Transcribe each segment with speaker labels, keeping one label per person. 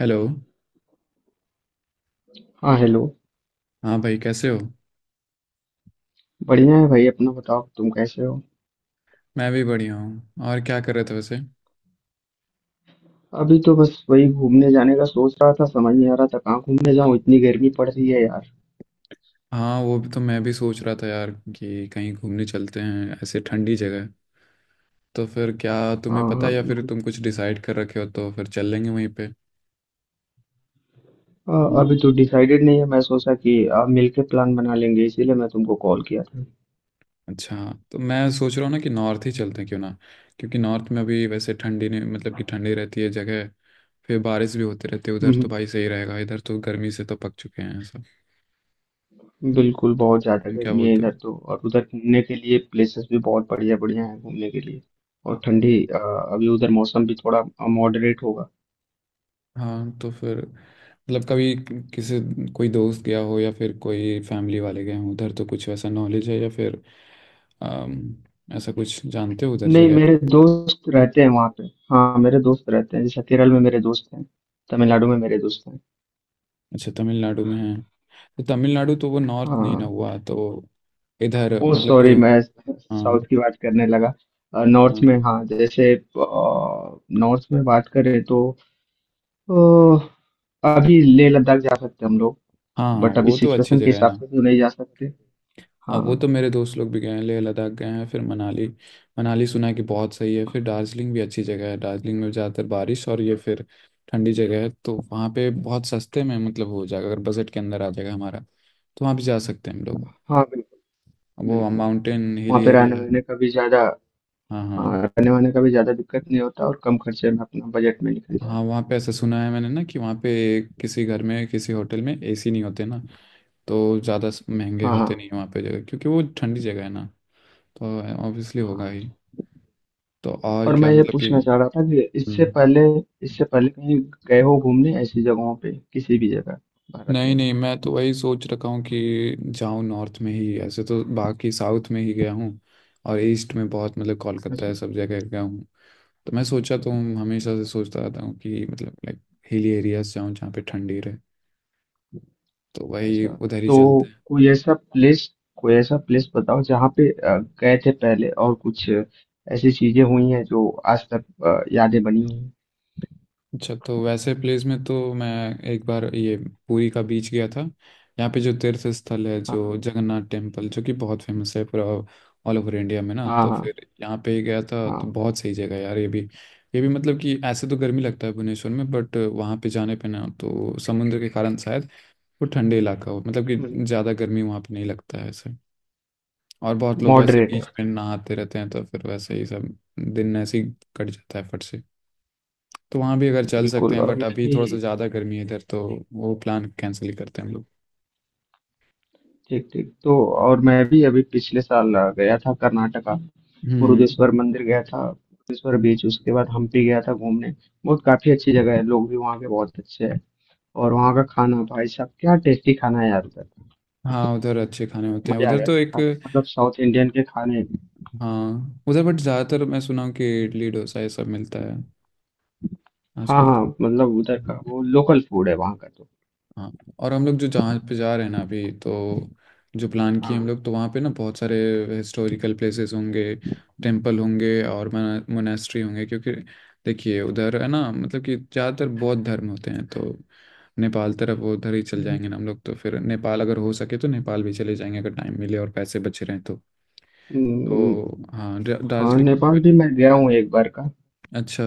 Speaker 1: Hello.
Speaker 2: हाँ, hello.
Speaker 1: हाँ भाई, कैसे हो?
Speaker 2: बढ़िया है भाई, अपना बताओ तुम कैसे हो।
Speaker 1: मैं भी बढ़िया हूँ। और क्या कर रहे थे वैसे?
Speaker 2: अभी तो बस वही घूमने जाने का सोच रहा था, समझ नहीं आ रहा था कहाँ घूमने जाऊँ, इतनी गर्मी पड़ रही है यार।
Speaker 1: हाँ, वो भी तो, मैं भी सोच रहा था यार कि कहीं घूमने चलते हैं, ऐसे ठंडी जगह। तो फिर क्या,
Speaker 2: हाँ
Speaker 1: तुम्हें पता
Speaker 2: हाँ
Speaker 1: है, या फिर
Speaker 2: बिल्कुल।
Speaker 1: तुम कुछ डिसाइड कर रखे हो तो फिर चल लेंगे वहीं पे।
Speaker 2: अ, अभी तो डिसाइडेड नहीं है, मैं सोचा कि आप मिलके प्लान बना लेंगे इसीलिए मैं तुमको कॉल किया था।
Speaker 1: अच्छा। तो मैं सोच रहा हूँ ना कि नॉर्थ ही चलते हैं, क्यों ना? क्योंकि नॉर्थ में अभी वैसे ठंडी नहीं, मतलब कि ठंडी रहती है जगह। फिर बारिश भी होती रहती है उधर, तो
Speaker 2: हम्म,
Speaker 1: भाई सही रहेगा, इधर तो गर्मी से तो पक चुके हैं सब।
Speaker 2: बिल्कुल। बहुत ज़्यादा
Speaker 1: तुम क्या
Speaker 2: गर्मी है
Speaker 1: बोलते हो?
Speaker 2: इधर तो, और उधर घूमने के लिए प्लेसेस भी बहुत बढ़िया बढ़िया हैं घूमने के लिए। और ठंडी अभी उधर मौसम भी थोड़ा मॉडरेट होगा।
Speaker 1: हाँ तो फिर, मतलब कभी किसी कोई दोस्त गया हो या फिर कोई फैमिली वाले गए हों उधर, तो कुछ वैसा नॉलेज है या फिर अम, ऐसा कुछ जानते हो उधर
Speaker 2: नहीं,
Speaker 1: जगह?
Speaker 2: मेरे दोस्त रहते हैं वहाँ पे। हाँ, मेरे दोस्त रहते हैं, जैसे केरल में मेरे दोस्त हैं, तमिलनाडु में मेरे दोस्त हैं।
Speaker 1: अच्छा, तमिलनाडु में है? तो तमिलनाडु तो वो नॉर्थ नहीं ना
Speaker 2: हाँ,
Speaker 1: हुआ तो। इधर
Speaker 2: ओ
Speaker 1: मतलब
Speaker 2: सॉरी,
Speaker 1: क्यों।
Speaker 2: मैं
Speaker 1: हाँ।
Speaker 2: साउथ की बात करने लगा। नॉर्थ
Speaker 1: हाँ।
Speaker 2: में, हाँ, जैसे नॉर्थ में बात करें तो अ, अभी लेह लद्दाख जा सकते हैं हम लोग।
Speaker 1: हाँ हाँ,
Speaker 2: बट अभी
Speaker 1: वो तो अच्छी
Speaker 2: सिचुएशन के
Speaker 1: जगह है
Speaker 2: हिसाब
Speaker 1: ना।
Speaker 2: से तो नहीं जा सकते।
Speaker 1: हाँ,
Speaker 2: हाँ
Speaker 1: वो तो मेरे दोस्त लोग भी गए हैं, लेह लद्दाख गए हैं, फिर मनाली। मनाली सुना है कि बहुत सही है। फिर दार्जिलिंग भी अच्छी जगह है। दार्जिलिंग में ज़्यादातर बारिश और ये। फिर ठंडी जगह है तो वहाँ पे बहुत सस्ते में मतलब हो जाएगा, अगर बजट के अंदर आ जाएगा हमारा तो वहाँ भी जा सकते हैं हम लोग।
Speaker 2: हाँ बिल्कुल।
Speaker 1: वो
Speaker 2: बिल्कुल।
Speaker 1: माउंटेन
Speaker 2: वहाँ
Speaker 1: हिली
Speaker 2: पे
Speaker 1: एरिया
Speaker 2: रहने
Speaker 1: है।
Speaker 2: वहने का भी ज़्यादा,
Speaker 1: हाँ हाँ।
Speaker 2: हाँ, रहने वहने का भी ज़्यादा दिक्कत नहीं होता और कम खर्चे में अपना बजट में निकल
Speaker 1: हाँ,
Speaker 2: जाएगा।
Speaker 1: वहाँ पे ऐसा सुना है मैंने ना कि वहाँ पे किसी घर में, किसी होटल में एसी नहीं होते ना। तो ज़्यादा महंगे
Speaker 2: हाँ
Speaker 1: होते नहीं हैं
Speaker 2: हाँ
Speaker 1: वहाँ पे जगह, क्योंकि वो ठंडी जगह है ना। तो ऑब्वियसली होगा ही।
Speaker 2: हाँ।
Speaker 1: तो और
Speaker 2: और
Speaker 1: क्या
Speaker 2: मैं ये
Speaker 1: मतलब कि।
Speaker 2: पूछना चाह रहा था कि इससे
Speaker 1: हम्म।
Speaker 2: पहले कहीं गए हो घूमने, ऐसी जगहों पे, किसी भी जगह भारत
Speaker 1: नहीं
Speaker 2: में।
Speaker 1: नहीं, मैं तो वही सोच रखा हूँ कि जाऊँ नॉर्थ में ही। ऐसे तो बाकी साउथ में ही गया हूँ, और ईस्ट में बहुत मतलब कोलकाता
Speaker 2: अच्छा,
Speaker 1: है, सब जगह गया हूँ। तो मैं सोचा तो हूँ, हमेशा से
Speaker 2: अच्छा।
Speaker 1: सोचता रहता हूँ कि मतलब लाइक हिली एरियाज जाऊँ जहाँ पे ठंडी रहे। तो वही
Speaker 2: अच्छा,
Speaker 1: उधर ही
Speaker 2: तो
Speaker 1: चलते हैं।
Speaker 2: कोई ऐसा प्लेस, बताओ जहाँ पे गए थे पहले और कुछ ऐसी चीजें हुई हैं जो आज तक यादें बनी हुई हैं।
Speaker 1: अच्छा, तो वैसे प्लेस में तो मैं एक बार ये पुरी का बीच गया था। यहाँ पे जो तीर्थ स्थल है, जो
Speaker 2: हाँ
Speaker 1: जगन्नाथ टेम्पल, जो कि बहुत फेमस है पूरा ऑल ओवर इंडिया में ना,
Speaker 2: हाँ।
Speaker 1: तो
Speaker 2: हाँ
Speaker 1: फिर यहाँ पे गया था। तो
Speaker 2: हाँ।
Speaker 1: बहुत सही जगह है यार ये भी। ये भी मतलब कि ऐसे तो गर्मी लगता है भुवनेश्वर में, बट वहाँ पे जाने पे ना, तो समुद्र के कारण शायद वो ठंडे इलाका हो, मतलब कि ज़्यादा गर्मी वहाँ पे नहीं लगता है ऐसे। और बहुत लोग वैसे
Speaker 2: मॉडरेट है।
Speaker 1: बीच में नहाते रहते हैं तो फिर वैसे ही सब दिन ऐसे ही कट जाता है फट से। तो वहाँ भी अगर चल सकते
Speaker 2: बिल्कुल,
Speaker 1: हैं,
Speaker 2: और
Speaker 1: बट
Speaker 2: मैं
Speaker 1: अभी थोड़ा सा
Speaker 2: भी।
Speaker 1: ज़्यादा गर्मी है इधर तो वो प्लान कैंसिल ही करते हैं हम लोग।
Speaker 2: ठीक ठीक, तो और मैं भी अभी पिछले साल गया था कर्नाटका।
Speaker 1: हम्म।
Speaker 2: मुरुदेश्वर मंदिर गया था, मुरुदेश्वर बीच, उसके बाद हम्पी गया था घूमने। बहुत काफी अच्छी जगह है, लोग भी वहाँ के बहुत अच्छे हैं। और वहाँ का खाना, भाई साहब क्या टेस्टी खाना है यार उधर।
Speaker 1: हाँ, उधर अच्छे खाने होते हैं
Speaker 2: मजा आ
Speaker 1: उधर
Speaker 2: गया
Speaker 1: तो। एक।
Speaker 2: खा के। मतलब साउथ इंडियन के खाने।
Speaker 1: हाँ, उधर बट ज़्यादातर मैं सुना हूँ कि इडली डोसा ये सब मिलता है
Speaker 2: हाँ
Speaker 1: आजकल। तो।
Speaker 2: हाँ, मतलब उधर का वो लोकल फूड है वहाँ का तो।
Speaker 1: हाँ। और हम लोग जो जहाँ पे जा रहे हैं ना अभी तो, जो प्लान किए हम
Speaker 2: हाँ।
Speaker 1: लोग, तो वहाँ पे ना बहुत सारे हिस्टोरिकल प्लेसेस होंगे, टेम्पल होंगे और मोनेस्ट्री होंगे, क्योंकि देखिए उधर है ना, मतलब कि ज़्यादातर बौद्ध धर्म होते हैं। तो नेपाल तरफ वो उधर ही चल
Speaker 2: हम्म।
Speaker 1: जाएंगे ना हम लोग, तो फिर नेपाल अगर हो सके तो नेपाल भी चले जाएंगे, अगर टाइम मिले और पैसे बचे रहें तो।
Speaker 2: हम्म,
Speaker 1: तो हाँ,
Speaker 2: हाँ,
Speaker 1: दार्जिलिंग के
Speaker 2: नेपाल
Speaker 1: बगल।
Speaker 2: भी मैं गया हूँ एक बार का।
Speaker 1: अच्छा।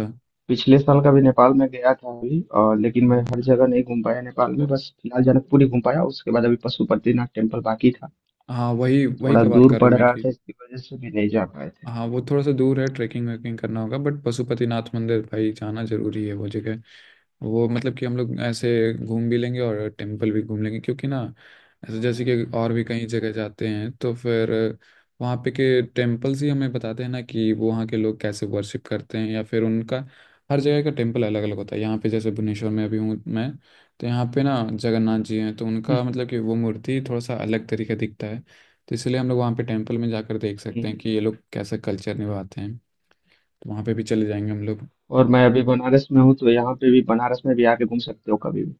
Speaker 2: पिछले साल का भी नेपाल में गया था अभी, और लेकिन मैं
Speaker 1: हाँ
Speaker 2: हर जगह नहीं घूम पाया नेपाल में, बस फिलहाल जनकपुर ही घूम पाया। उसके बाद अभी पशुपतिनाथ टेम्पल बाकी था।
Speaker 1: हाँ, वही वही
Speaker 2: थोड़ा
Speaker 1: का बात
Speaker 2: दूर
Speaker 1: कर रहा
Speaker 2: पड़
Speaker 1: हूँ मैं
Speaker 2: रहा
Speaker 1: कि।
Speaker 2: था, इसकी वजह से भी नहीं जा पाए थे।
Speaker 1: हाँ, वो थोड़ा सा दूर है, ट्रैकिंग वैकिंग करना होगा, बट पशुपतिनाथ मंदिर भाई जाना जरूरी है वो जगह। वो मतलब कि हम लोग ऐसे घूम भी लेंगे और टेम्पल भी घूम लेंगे, क्योंकि ना, ऐसे जैसे कि और भी कई जगह जाते हैं तो फिर वहाँ पे के टेम्पल्स ही हमें बताते हैं ना कि वो वहाँ के लोग कैसे वर्शिप करते हैं या फिर उनका। हर जगह का टेम्पल अलग अलग होता है। यहाँ पे जैसे भुवनेश्वर में अभी हूँ मैं, तो यहाँ पे ना जगन्नाथ जी हैं, तो
Speaker 2: हम्म,
Speaker 1: उनका मतलब कि
Speaker 2: हम्म।
Speaker 1: वो मूर्ति थोड़ा सा अलग तरीके दिखता है। तो इसलिए हम लोग वहाँ पे टेम्पल में जाकर देख सकते
Speaker 2: हम्म।
Speaker 1: हैं कि ये लोग कैसा कल्चर निभाते हैं। तो वहाँ पे भी चले जाएंगे हम लोग।
Speaker 2: और मैं अभी बनारस में हूँ, तो यहाँ पे भी, बनारस में भी आके घूम सकते हो कभी भी।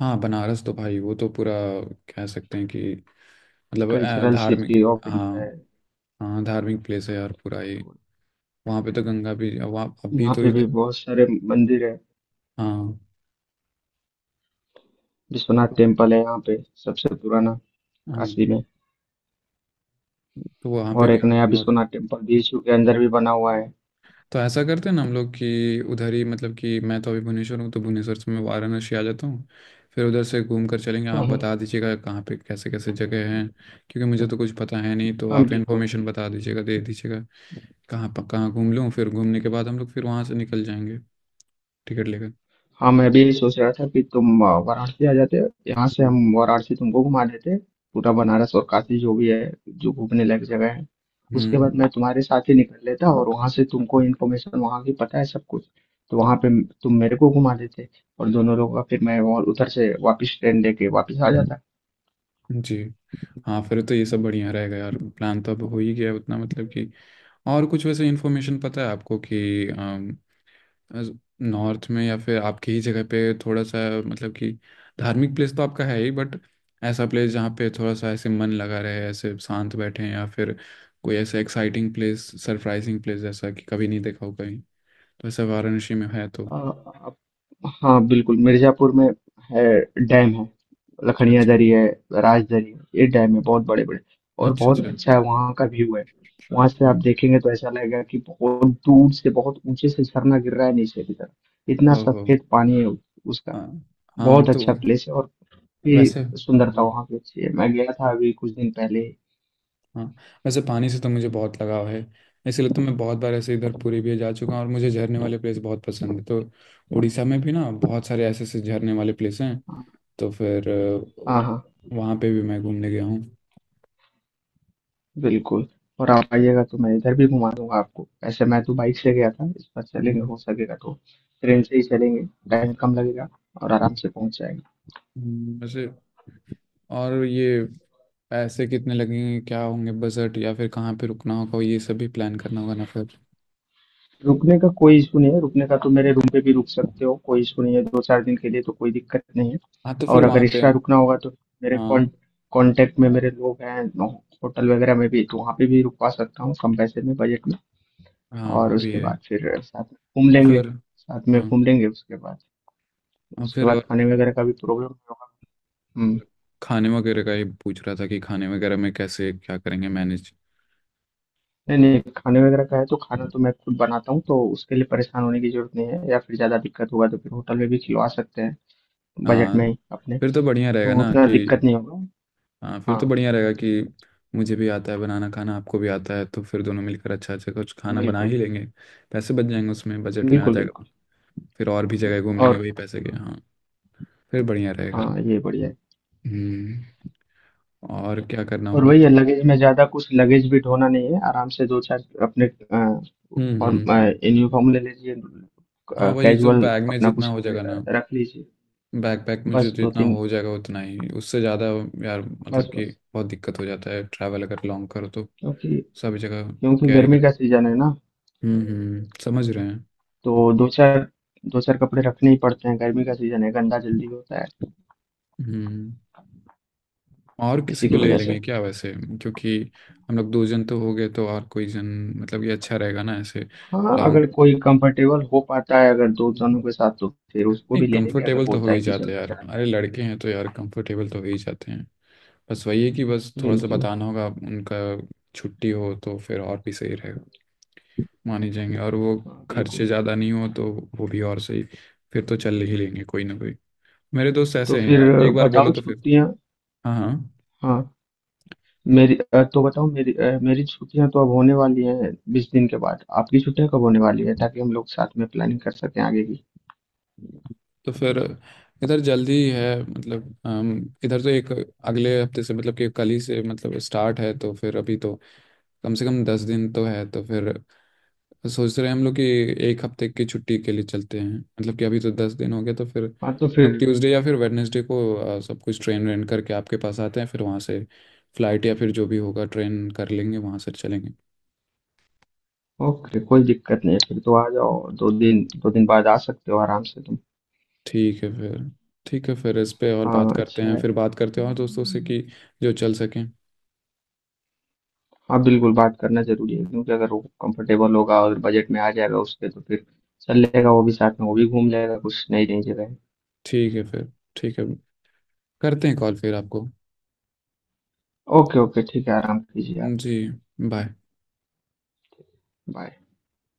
Speaker 1: हाँ, बनारस तो भाई वो तो पूरा कह सकते हैं कि मतलब
Speaker 2: कल्चरल
Speaker 1: धार्मिक।
Speaker 2: सिटी ऑफ
Speaker 1: हाँ।
Speaker 2: इंडिया है।
Speaker 1: हाँ, धार्मिक प्लेस है यार पूरा ये।
Speaker 2: तो
Speaker 1: वहाँ पे तो गंगा भी वहाँ, अभी
Speaker 2: यहाँ
Speaker 1: तो
Speaker 2: पे भी
Speaker 1: इधर।
Speaker 2: बहुत सारे मंदिर है,
Speaker 1: हाँ।
Speaker 2: विश्वनाथ
Speaker 1: तो-
Speaker 2: टेम्पल है यहाँ पे, सबसे पुराना,
Speaker 1: हाँ,
Speaker 2: काशी में।
Speaker 1: तो वहाँ पे
Speaker 2: और
Speaker 1: भी
Speaker 2: एक
Speaker 1: आ
Speaker 2: नया
Speaker 1: जाऊंगा।
Speaker 2: विश्वनाथ टेम्पल बीच के अंदर भी बना हुआ है।
Speaker 1: तो ऐसा करते हैं ना हम लोग कि उधर ही, मतलब कि मैं तो अभी भुवनेश्वर हूँ तो भुवनेश्वर से मैं वाराणसी आ जाता हूँ। फिर उधर से घूम कर चलेंगे, आप
Speaker 2: हाँ
Speaker 1: बता
Speaker 2: हाँ।
Speaker 1: दीजिएगा कहाँ पे कैसे कैसे जगह हैं, क्योंकि मुझे तो कुछ पता है नहीं, तो
Speaker 2: हाँ,
Speaker 1: आप
Speaker 2: बिल्कुल।
Speaker 1: इन्फॉर्मेशन बता दीजिएगा, दे दीजिएगा कहाँ पर कहाँ घूम लूँ। फिर घूमने के बाद हम लोग फिर वहाँ से निकल जाएंगे, टिकट लेकर।
Speaker 2: हाँ मैं भी यही सोच रहा था कि तुम वाराणसी आ जाते। यहाँ से
Speaker 1: हम्म।
Speaker 2: हम वाराणसी तुमको घुमा देते, पूरा बनारस और काशी, जो भी है, जो घूमने लायक जगह है। उसके बाद
Speaker 1: हम्म,
Speaker 2: मैं तुम्हारे साथ ही निकल लेता, और वहाँ से तुमको इन्फॉर्मेशन वहाँ की पता है सब कुछ, तो वहाँ पे तुम मेरे को घुमा देते, और दोनों लोग का फिर। मैं और उधर से वापस ट्रेन लेके वापस आ
Speaker 1: जी। हाँ, फिर तो ये सब बढ़िया रहेगा यार, प्लान तो अब हो ही गया उतना मतलब कि। और कुछ वैसे इन्फॉर्मेशन पता है आपको कि नॉर्थ में या फिर आपकी ही जगह पे थोड़ा सा, मतलब कि धार्मिक प्लेस तो आपका है ही, बट ऐसा प्लेस जहाँ पे थोड़ा सा ऐसे मन लगा रहे, ऐसे शांत बैठे हैं, या फिर कोई ऐसा एक्साइटिंग प्लेस, सरप्राइजिंग प्लेस जैसा कि कभी नहीं देखा हो कहीं, तो ऐसा वाराणसी में है तो।
Speaker 2: जाता। हाँ बिल्कुल, मिर्जापुर में है। डैम है, लखनिया
Speaker 1: अच्छा।
Speaker 2: दरी है, राजदरी है, ये डैम है, बहुत बड़े बड़े। और
Speaker 1: अच्छा
Speaker 2: बहुत
Speaker 1: अच्छा।
Speaker 2: अच्छा है वहाँ का व्यू है। वहां से आप
Speaker 1: हाँ।
Speaker 2: देखेंगे तो ऐसा लगेगा कि बहुत दूर से बहुत ऊंचे से झरना गिर रहा है नीचे की तरफ। इतना
Speaker 1: ओहो।
Speaker 2: सफेद पानी है उसका।
Speaker 1: हाँ। हाँ
Speaker 2: बहुत
Speaker 1: तो
Speaker 2: अच्छा प्लेस है, और भी
Speaker 1: वैसे।
Speaker 2: सुंदरता वहाँ की अच्छी है, मैं गया था अभी कुछ दिन पहले ही।
Speaker 1: हाँ। वैसे पानी से तो मुझे बहुत लगाव है, इसलिए तो मैं बहुत बार ऐसे इधर पुरी भी जा चुका हूँ, और मुझे झरने वाले प्लेस बहुत पसंद है, तो उड़ीसा में भी ना बहुत सारे ऐसे ऐसे झरने वाले प्लेस हैं,
Speaker 2: हाँ
Speaker 1: तो फिर
Speaker 2: हाँ हाँ।
Speaker 1: वहाँ पे भी मैं घूमने गया हूँ।
Speaker 2: बिल्कुल, और आप आइएगा तो मैं इधर भी घुमा दूँगा आपको। वैसे मैं तो बाइक से गया था, इस बार चलेंगे
Speaker 1: हम्म।
Speaker 2: हो सकेगा तो ट्रेन से ही चलेंगे, टाइम कम लगेगा और आराम से पहुँच जाएँगे।
Speaker 1: वैसे और ये पैसे कितने लगेंगे, क्या होंगे बजट, या फिर कहाँ पे रुकना होगा, ये सब भी प्लान करना होगा ना फिर।
Speaker 2: रुकने का कोई इश्यू नहीं है, रुकने का तो मेरे रूम पे भी रुक सकते हो, कोई इश्यू नहीं है, 2-4 दिन के लिए तो कोई दिक्कत नहीं है।
Speaker 1: हाँ, तो फिर
Speaker 2: और अगर
Speaker 1: वहाँ पे।
Speaker 2: एक्स्ट्रा रुकना होगा तो मेरे
Speaker 1: हाँ
Speaker 2: कॉन्टैक्ट में मेरे लोग हैं, नो होटल वगैरह में भी, तो वहाँ पे भी रुकवा सकता हूँ कम पैसे में, बजट में।
Speaker 1: हाँ, वो
Speaker 2: और
Speaker 1: भी
Speaker 2: उसके
Speaker 1: है।
Speaker 2: बाद फिर घूम
Speaker 1: और
Speaker 2: लेंगे
Speaker 1: फिर।
Speaker 2: साथ में
Speaker 1: हाँ।
Speaker 2: घूम लेंगे। उसके बाद
Speaker 1: और फिर और।
Speaker 2: खाने वगैरह का भी प्रॉब्लम नहीं होगा। हुँ।
Speaker 1: खाने वगैरह का ही पूछ रहा था कि खाने वगैरह में कैसे क्या करेंगे मैनेज।
Speaker 2: नहीं नहीं, खाने वगैरह का है तो खाना तो मैं खुद बनाता हूँ, तो उसके लिए परेशान होने की जरूरत नहीं है, या फिर ज़्यादा दिक्कत होगा तो फिर होटल में भी खिलवा सकते हैं बजट
Speaker 1: हाँ
Speaker 2: में ही अपने।
Speaker 1: फिर तो बढ़िया रहेगा
Speaker 2: तो
Speaker 1: ना
Speaker 2: उतना
Speaker 1: कि।
Speaker 2: दिक्कत नहीं होगा।
Speaker 1: हाँ, फिर
Speaker 2: हाँ
Speaker 1: तो बढ़िया रहेगा कि मुझे भी आता है बनाना खाना, आपको भी आता है, तो फिर दोनों मिलकर अच्छा अच्छा कुछ खाना बना ही
Speaker 2: बिल्कुल।
Speaker 1: लेंगे। पैसे बच जाएंगे, उसमें बजट में आ
Speaker 2: बिल्कुल
Speaker 1: जाएगा।
Speaker 2: बिल्कुल।
Speaker 1: फिर और भी जगह घूम
Speaker 2: और
Speaker 1: लेंगे वही
Speaker 2: क्या।
Speaker 1: पैसे के। हाँ, फिर बढ़िया रहेगा।
Speaker 2: हाँ ये बढ़िया है।
Speaker 1: हम्म। और क्या करना
Speaker 2: और
Speaker 1: होगा
Speaker 2: वही है,
Speaker 1: तो।
Speaker 2: लगेज में ज़्यादा कुछ लगेज भी ढोना नहीं है, आराम से दो चार अपने फॉर्म
Speaker 1: हम्म।
Speaker 2: यूनिफॉर्म ले लीजिए,
Speaker 1: हाँ, वही जो
Speaker 2: कैजुअल
Speaker 1: बैग में
Speaker 2: अपना
Speaker 1: जितना
Speaker 2: कुछ
Speaker 1: हो जाएगा ना।
Speaker 2: रख लीजिए।
Speaker 1: बैकपैक में जो
Speaker 2: बस दो
Speaker 1: जितना
Speaker 2: तीन,
Speaker 1: हो जाएगा उतना ही, उससे ज़्यादा यार मतलब
Speaker 2: बस
Speaker 1: कि
Speaker 2: बस,
Speaker 1: बहुत दिक्कत हो जाता है ट्रैवल अगर लॉन्ग करो तो।
Speaker 2: क्योंकि
Speaker 1: सब जगह
Speaker 2: क्योंकि
Speaker 1: कैरी
Speaker 2: गर्मी
Speaker 1: कर।
Speaker 2: का सीजन है ना,
Speaker 1: हम्म, समझ रहे हैं।
Speaker 2: तो दो चार कपड़े रखने ही पड़ते हैं, गर्मी का सीजन है, गंदा जल्दी होता है
Speaker 1: हम्म और
Speaker 2: इसी
Speaker 1: किसी को
Speaker 2: की
Speaker 1: ले
Speaker 2: वजह
Speaker 1: लेंगे
Speaker 2: से।
Speaker 1: क्या वैसे, क्योंकि हम लोग दो जन तो हो गए, तो और कोई जन, मतलब ये अच्छा रहेगा ना ऐसे।
Speaker 2: हाँ, अगर
Speaker 1: लॉन्ग।
Speaker 2: कोई कंफर्टेबल हो पाता है अगर दो
Speaker 1: नहीं,
Speaker 2: जनों के साथ, तो फिर उसको भी ले लेंगे, अगर
Speaker 1: कंफर्टेबल तो हो
Speaker 2: बोलता है
Speaker 1: ही
Speaker 2: कि
Speaker 1: जाते हैं
Speaker 2: चलना
Speaker 1: यार,
Speaker 2: चाहता
Speaker 1: अरे
Speaker 2: है तो
Speaker 1: लड़के
Speaker 2: फिर।
Speaker 1: हैं तो यार कंफर्टेबल तो हो ही जाते हैं। बस वही है कि बस थोड़ा सा
Speaker 2: बिल्कुल।
Speaker 1: बताना होगा उनका छुट्टी हो, तो फिर और भी सही रहेगा, मानी जाएंगे, और वो
Speaker 2: हाँ बिल्कुल।
Speaker 1: खर्चे ज़्यादा नहीं हो तो वो भी और सही। फिर तो चल ही लेंगे कोई ना कोई, मेरे दोस्त
Speaker 2: तो
Speaker 1: ऐसे हैं
Speaker 2: फिर
Speaker 1: यार, एक बार बोलो
Speaker 2: बताओ
Speaker 1: तो फिर।
Speaker 2: छुट्टियां।
Speaker 1: हाँ हाँ।
Speaker 2: हाँ तो बताओ मेरी छुट्टियां तो अब होने वाली हैं 20 दिन के बाद, आपकी छुट्टियां कब होने वाली है ताकि हम लोग साथ में प्लानिंग कर सकें आगे की।
Speaker 1: तो फिर इधर जल्दी है, मतलब इधर तो एक अगले हफ्ते से, मतलब कि कल ही से मतलब स्टार्ट है, तो फिर अभी तो कम से कम 10 दिन तो है, तो फिर सोच रहे हैं हम लोग कि एक हफ्ते की छुट्टी के लिए चलते हैं, मतलब कि अभी तो 10 दिन हो गया, तो फिर
Speaker 2: हाँ तो
Speaker 1: अब
Speaker 2: फिर,
Speaker 1: ट्यूसडे या फिर वेडनेसडे को सब कुछ ट्रेन रेंट करके आपके पास आते हैं, फिर वहाँ से फ्लाइट या फिर जो भी होगा ट्रेन कर लेंगे, वहाँ से चलेंगे।
Speaker 2: ओके, कोई दिक्कत नहीं है, फिर तो आ जाओ, दो दिन बाद आ सकते हो आराम से।
Speaker 1: ठीक है फिर। ठीक है फिर, इस पे और बात
Speaker 2: हाँ
Speaker 1: करते
Speaker 2: अच्छा
Speaker 1: हैं,
Speaker 2: है।
Speaker 1: फिर बात करते हैं और दोस्तों से
Speaker 2: हम्म।
Speaker 1: कि जो चल सकें।
Speaker 2: हाँ बिल्कुल, बात करना जरूरी है क्योंकि अगर वो कंफर्टेबल होगा और बजट में आ जाएगा उसके तो फिर चल लेगा वो भी साथ में, वो भी घूम लेगा कुछ नई नई जगह।
Speaker 1: ठीक है फिर। ठीक है, करते हैं कॉल फिर आपको।
Speaker 2: ओके, ओके, ठीक है, आराम कीजिए आप।
Speaker 1: जी। बाय।
Speaker 2: बाय।